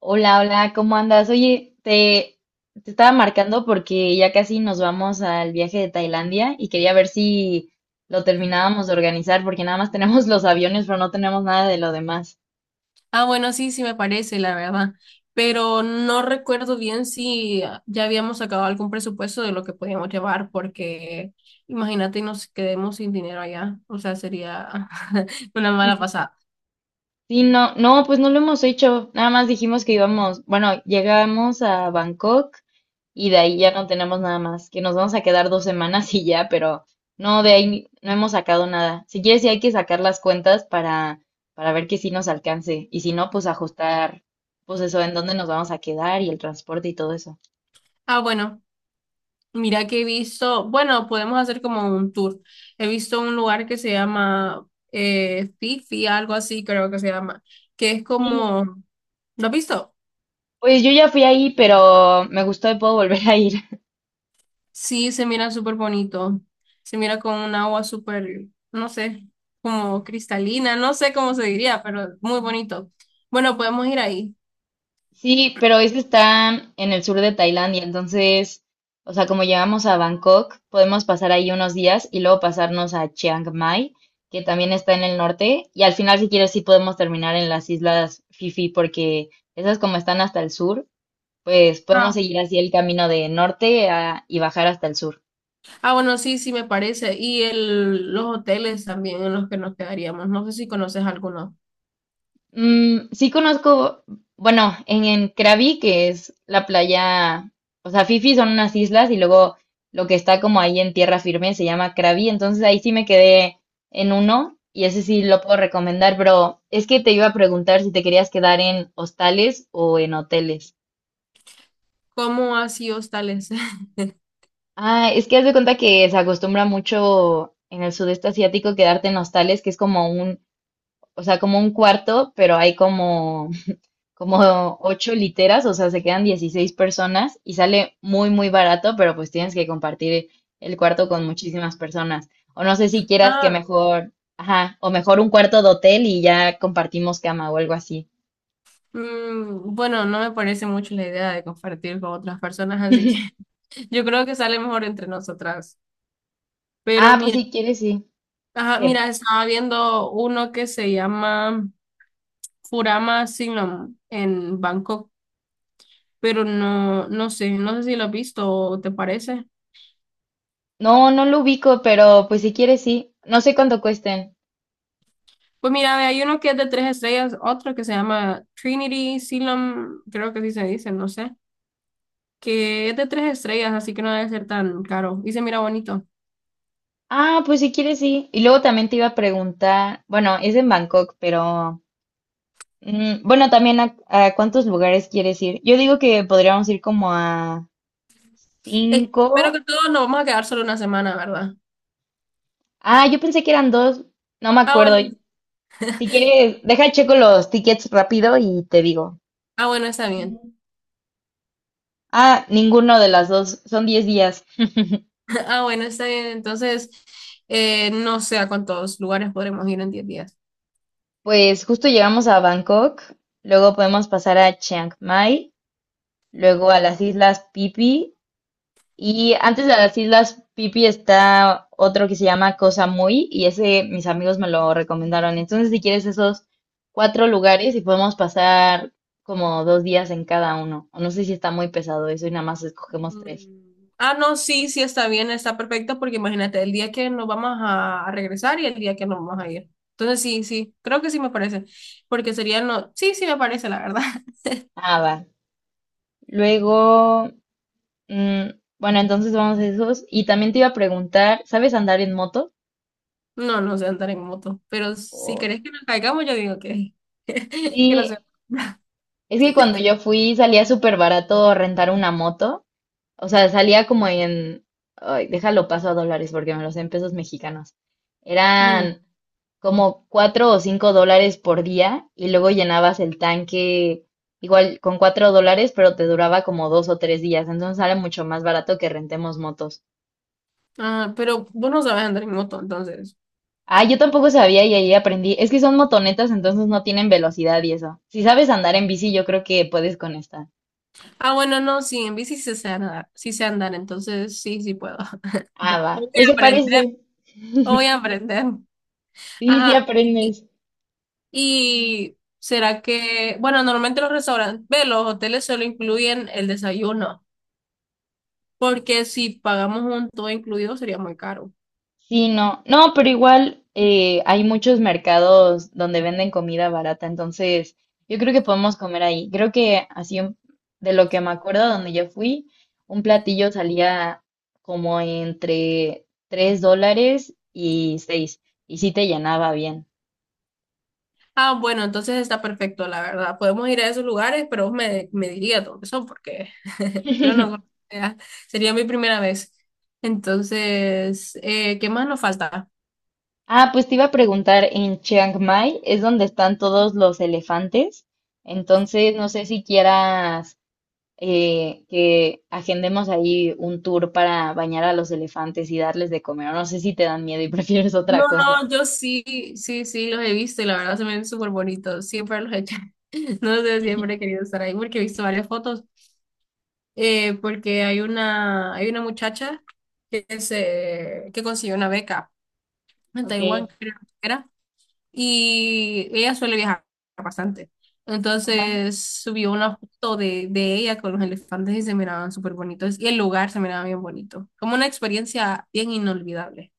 Hola, hola, ¿cómo andas? Oye, te estaba marcando porque ya casi nos vamos al viaje de Tailandia y quería ver si lo terminábamos de organizar porque nada más tenemos los aviones, pero no tenemos nada de lo demás. Ah, bueno, sí, sí me parece, la verdad. Pero no recuerdo bien si ya habíamos sacado algún presupuesto de lo que podíamos llevar, porque imagínate nos quedemos sin dinero allá. O sea, sería una mala pasada. Sí, no, no, pues no lo hemos hecho. Nada más dijimos que íbamos, bueno, llegamos a Bangkok y de ahí ya no tenemos nada más, que nos vamos a quedar 2 semanas y ya, pero no, de ahí no hemos sacado nada. Si quieres, sí hay que sacar las cuentas para ver que sí nos alcance y si no, pues ajustar, pues eso, en dónde nos vamos a quedar y el transporte y todo eso. Ah, bueno, mira que he visto, bueno, podemos hacer como un tour. He visto un lugar que se llama Fifi, algo así creo que se llama, que es Sí, como, ¿lo has visto? pues yo ya fui ahí, pero me gustó y puedo volver a ir. Sí, se mira súper bonito. Se mira con un agua súper, no sé, como cristalina, no sé cómo se diría, pero muy bonito. Bueno, podemos ir ahí. Sí, pero es que está en el sur de Tailandia, entonces, o sea, como llegamos a Bangkok, podemos pasar ahí unos días y luego pasarnos a Chiang Mai, que también está en el norte, y al final, si quieres, sí podemos terminar en las islas Fifi, porque esas como están hasta el sur, pues podemos Ah, seguir así el camino de norte y bajar hasta el sur. Ah, bueno, sí, sí me parece. Y los hoteles también en los que nos quedaríamos. No sé si conoces alguno. Mm, sí conozco, bueno, en Krabi, que es la playa, o sea, Fifi son unas islas y luego lo que está como ahí en tierra firme se llama Krabi, entonces ahí sí me quedé en uno y ese sí lo puedo recomendar, pero es que te iba a preguntar si te querías quedar en hostales o en hoteles. ¿Cómo así hostales? Ah, es que haz de cuenta que se acostumbra mucho en el sudeste asiático quedarte en hostales, que es como un, o sea, como un cuarto, pero hay como 8 literas, o sea, se quedan 16 personas y sale muy, muy barato, pero pues tienes que compartir el cuarto con muchísimas personas. O no sé si quieras que Ah, mejor, ajá, o mejor un cuarto de hotel y ya compartimos cama o algo así. Bueno, no me parece mucho la idea de compartir con otras personas, así que yo creo que sale mejor entre nosotras. Pero Ah, pues mira, si quieres, sí. ajá, mira, Que estaba viendo uno que se llama Furama Signum en Bangkok, pero no, no sé, no sé si lo has visto o te parece. no, no lo ubico, pero pues si quieres, sí. No sé cuánto cuesten. Pues mira, ve, hay uno que es de tres estrellas, otro que se llama Trinity Signum, creo que sí se dice, no sé, que es de tres estrellas, así que no debe ser tan caro y se mira bonito. Ah, pues si quieres, sí. Y luego también te iba a preguntar, bueno, es en Bangkok, pero bueno, también a cuántos lugares quieres ir. Yo digo que podríamos ir como a Espero que cinco. todos nos vamos a quedar solo una semana, ¿verdad? Ah, yo pensé que eran dos. No me Ah, acuerdo. bueno, Si quieres, deja checo los tickets rápido y te digo. ah, bueno, está bien. Ah, ninguno de las dos. Son 10 días. Ah, bueno, está bien. Entonces, no sé a cuántos lugares podremos ir en 10 días. Pues justo llegamos a Bangkok. Luego podemos pasar a Chiang Mai. Luego a las Islas Phi Phi. Y antes de las Islas Pipi está otro que se llama Cosa Muy y ese mis amigos me lo recomendaron. Entonces, si quieres esos 4 lugares y podemos pasar como 2 días en cada uno. O no sé si está muy pesado eso y nada más escogemos tres. Mm. Ah, no, sí, sí está bien, está perfecto, porque imagínate, el día que nos vamos a regresar y el día que nos vamos a ir. Entonces, sí, sí, creo que sí me parece, porque sería, no, sí, sí me parece, la verdad. Ah, va. Luego, mm, bueno, entonces vamos a esos. Y también te iba a preguntar, ¿sabes andar en moto? No, no sé andar en moto, pero si O- querés que nos caigamos, yo digo que, que no sé. Sí, es que cuando yo fui salía súper barato rentar una moto. O sea, salía como en, ay, déjalo paso a dólares porque me los sé en pesos mexicanos. Bueno, Eran como $4 o $5 por día y luego llenabas el tanque igual con $4, pero te duraba como 2 o 3 días. Entonces sale mucho más barato que rentemos motos. ah, pero vos no sabes andar en moto, entonces. Ah, yo tampoco sabía y ahí aprendí. Es que son motonetas, entonces no tienen velocidad y eso. Si sabes andar en bici, yo creo que puedes con esta. Ah, bueno, no, sí, en bici sí sé andar, entonces sí, sí puedo. Ah, Voy va. Pues a se aprender, parece. voy a aprender. Sí, sí Ajá. aprendes. Y será que, bueno, normalmente los restaurantes, ve, los hoteles solo incluyen el desayuno, porque si pagamos un todo incluido sería muy caro. Sí, no, no, pero igual hay muchos mercados donde venden comida barata, entonces yo creo que podemos comer ahí. Creo que así de lo que me acuerdo, donde yo fui, un platillo salía como entre $3 y 6, y sí te llenaba bien. Ah, bueno, entonces está perfecto, la verdad. Podemos ir a esos lugares, pero vos me diría dónde son, porque yo no conocía. Sería mi primera vez. Entonces, ¿qué más nos falta? Ah, pues te iba a preguntar, en Chiang Mai es donde están todos los elefantes, entonces no sé si quieras que agendemos ahí un tour para bañar a los elefantes y darles de comer. O no sé si te dan miedo y prefieres No, otra cosa. no, yo sí, sí, sí, los he visto y la verdad se me ven súper bonitos. Siempre los he hecho. No sé, siempre he querido estar ahí porque he visto varias fotos. Porque hay una muchacha que, que consiguió una beca en Ok, Taiwán, creo que era, y ella suele viajar bastante. ajá. Entonces subió una foto de ella con los elefantes y se miraban súper bonitos, y el lugar se miraba bien bonito, como una experiencia bien inolvidable.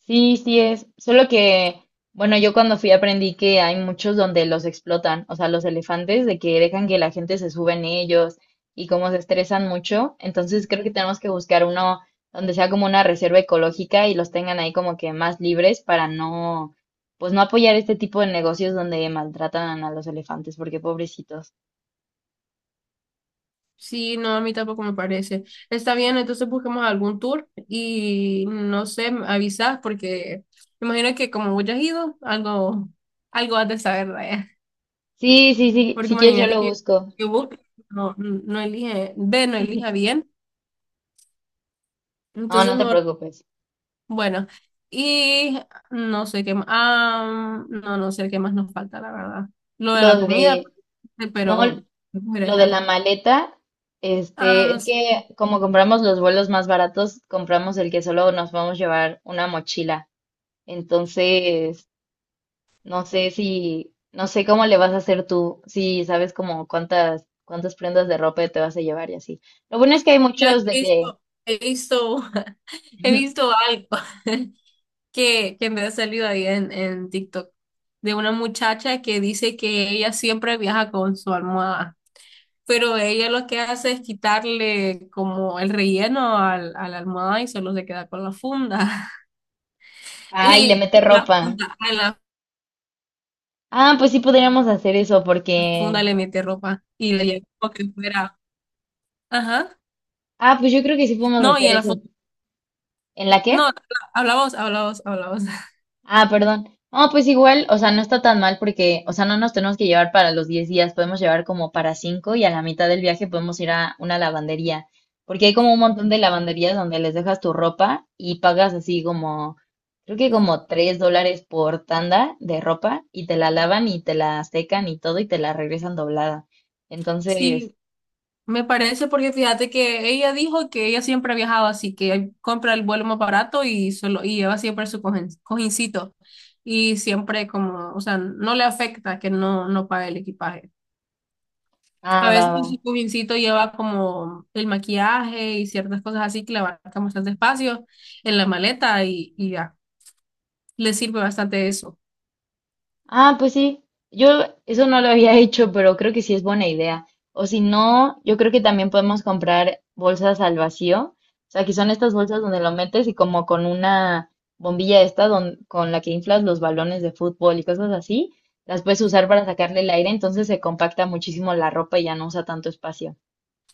Sí, sí es. Solo que, bueno, yo cuando fui aprendí que hay muchos donde los explotan, o sea, los elefantes, de que dejan que la gente se sube en ellos y como se estresan mucho. Entonces creo que tenemos que buscar uno donde sea como una reserva ecológica y los tengan ahí como que más libres para no, pues no apoyar este tipo de negocios donde maltratan a los elefantes, porque pobrecitos. Sí, no, a mí tampoco me parece. Está bien, entonces busquemos algún tour y no sé, me avisas porque me imagino que como vos ya has ido, algo, algo has de saber de... Sí, sí, sí, Porque si quieres yo imagínate lo que busco. Facebook no elige, B no elija bien. No, Entonces no te mejor, preocupes. bueno. Y no sé qué más. Ah, no, no sé qué más nos falta, la verdad. Lo de Lo la comida, de, este, no, pero Lo de la brega. maleta, este, Ah, es sí, que como compramos los vuelos más baratos, compramos el que solo nos vamos a llevar una mochila. Entonces, no sé si, no sé cómo le vas a hacer tú, si sabes como cuántas, prendas de ropa te vas a llevar y así. Lo bueno es que hay ya muchos de he que, visto, he visto, he visto algo que me ha salido ahí en TikTok de una muchacha que dice que ella siempre viaja con su almohada. Pero ella lo que hace es quitarle como el relleno al, a la almohada y solo se queda con la funda. ay, le Y mete de la ropa. funda, a la Ah, pues sí podríamos hacer eso porque, funda le mete ropa y le lleva como que fuera. Ajá. ah, pues yo creo que sí podemos No, y hacer en la eso. funda. ¿En la qué? No, habla vos, habla vos, habla vos. Ah, perdón. No, pues igual, o sea, no está tan mal porque, o sea, no nos tenemos que llevar para los 10 días, podemos llevar como para 5 y a la mitad del viaje podemos ir a una lavandería, porque hay como un montón de lavanderías donde les dejas tu ropa y pagas así como, creo que como $3 por tanda de ropa y te la lavan y te la secan y todo y te la regresan doblada. Entonces, Sí, me parece porque fíjate que ella dijo que ella siempre ha viajado así, que compra el vuelo más barato y, solo, y lleva siempre su cojincito. Y siempre como, o sea, no le afecta que no, no pague el equipaje. A ah, va, veces va. el cojincito lleva como el maquillaje y ciertas cosas así que le abarcan bastante espacio en la maleta y ya, le sirve bastante eso. Ah, pues sí, yo eso no lo había hecho, pero creo que sí es buena idea. O si no, yo creo que también podemos comprar bolsas al vacío. O sea, que son estas bolsas donde lo metes y como con una bombilla esta con la que inflas los balones de fútbol y cosas así, las puedes usar para sacarle el aire, entonces se compacta muchísimo la ropa y ya no usa tanto espacio.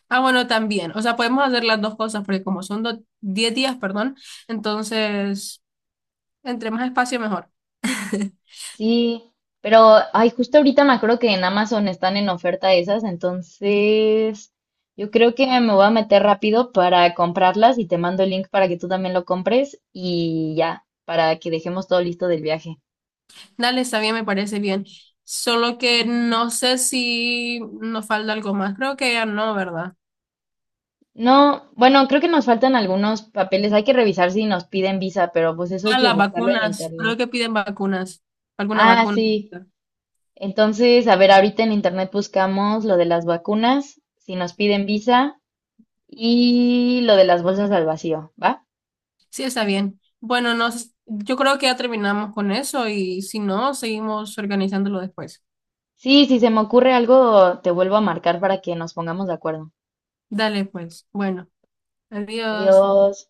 Ah, bueno, también, o sea, podemos hacer las dos cosas porque como son 10 días, perdón, entonces, entre más espacio, mejor. Sí, pero ay, justo ahorita me acuerdo que en Amazon están en oferta esas, entonces yo creo que me voy a meter rápido para comprarlas y te mando el link para que tú también lo compres y ya, para que dejemos todo listo del viaje. Dale, está bien, me parece bien. Solo que no sé si nos falta algo más. Creo que ya no, ¿verdad? No, bueno, creo que nos faltan algunos papeles, hay que revisar si nos piden visa, pero pues eso hay Ah, que las buscarlo en vacunas. Creo internet. que piden vacunas. Alguna Ah, vacuna. sí. Entonces, a ver, ahorita en internet buscamos lo de las vacunas, si nos piden visa y lo de las bolsas al vacío, ¿va? Sí, está bien. Bueno, no, yo creo que ya terminamos con eso y si no, seguimos organizándolo después. Sí, si se me ocurre algo, te vuelvo a marcar para que nos pongamos de acuerdo. Dale, pues. Bueno, adiós. Adiós.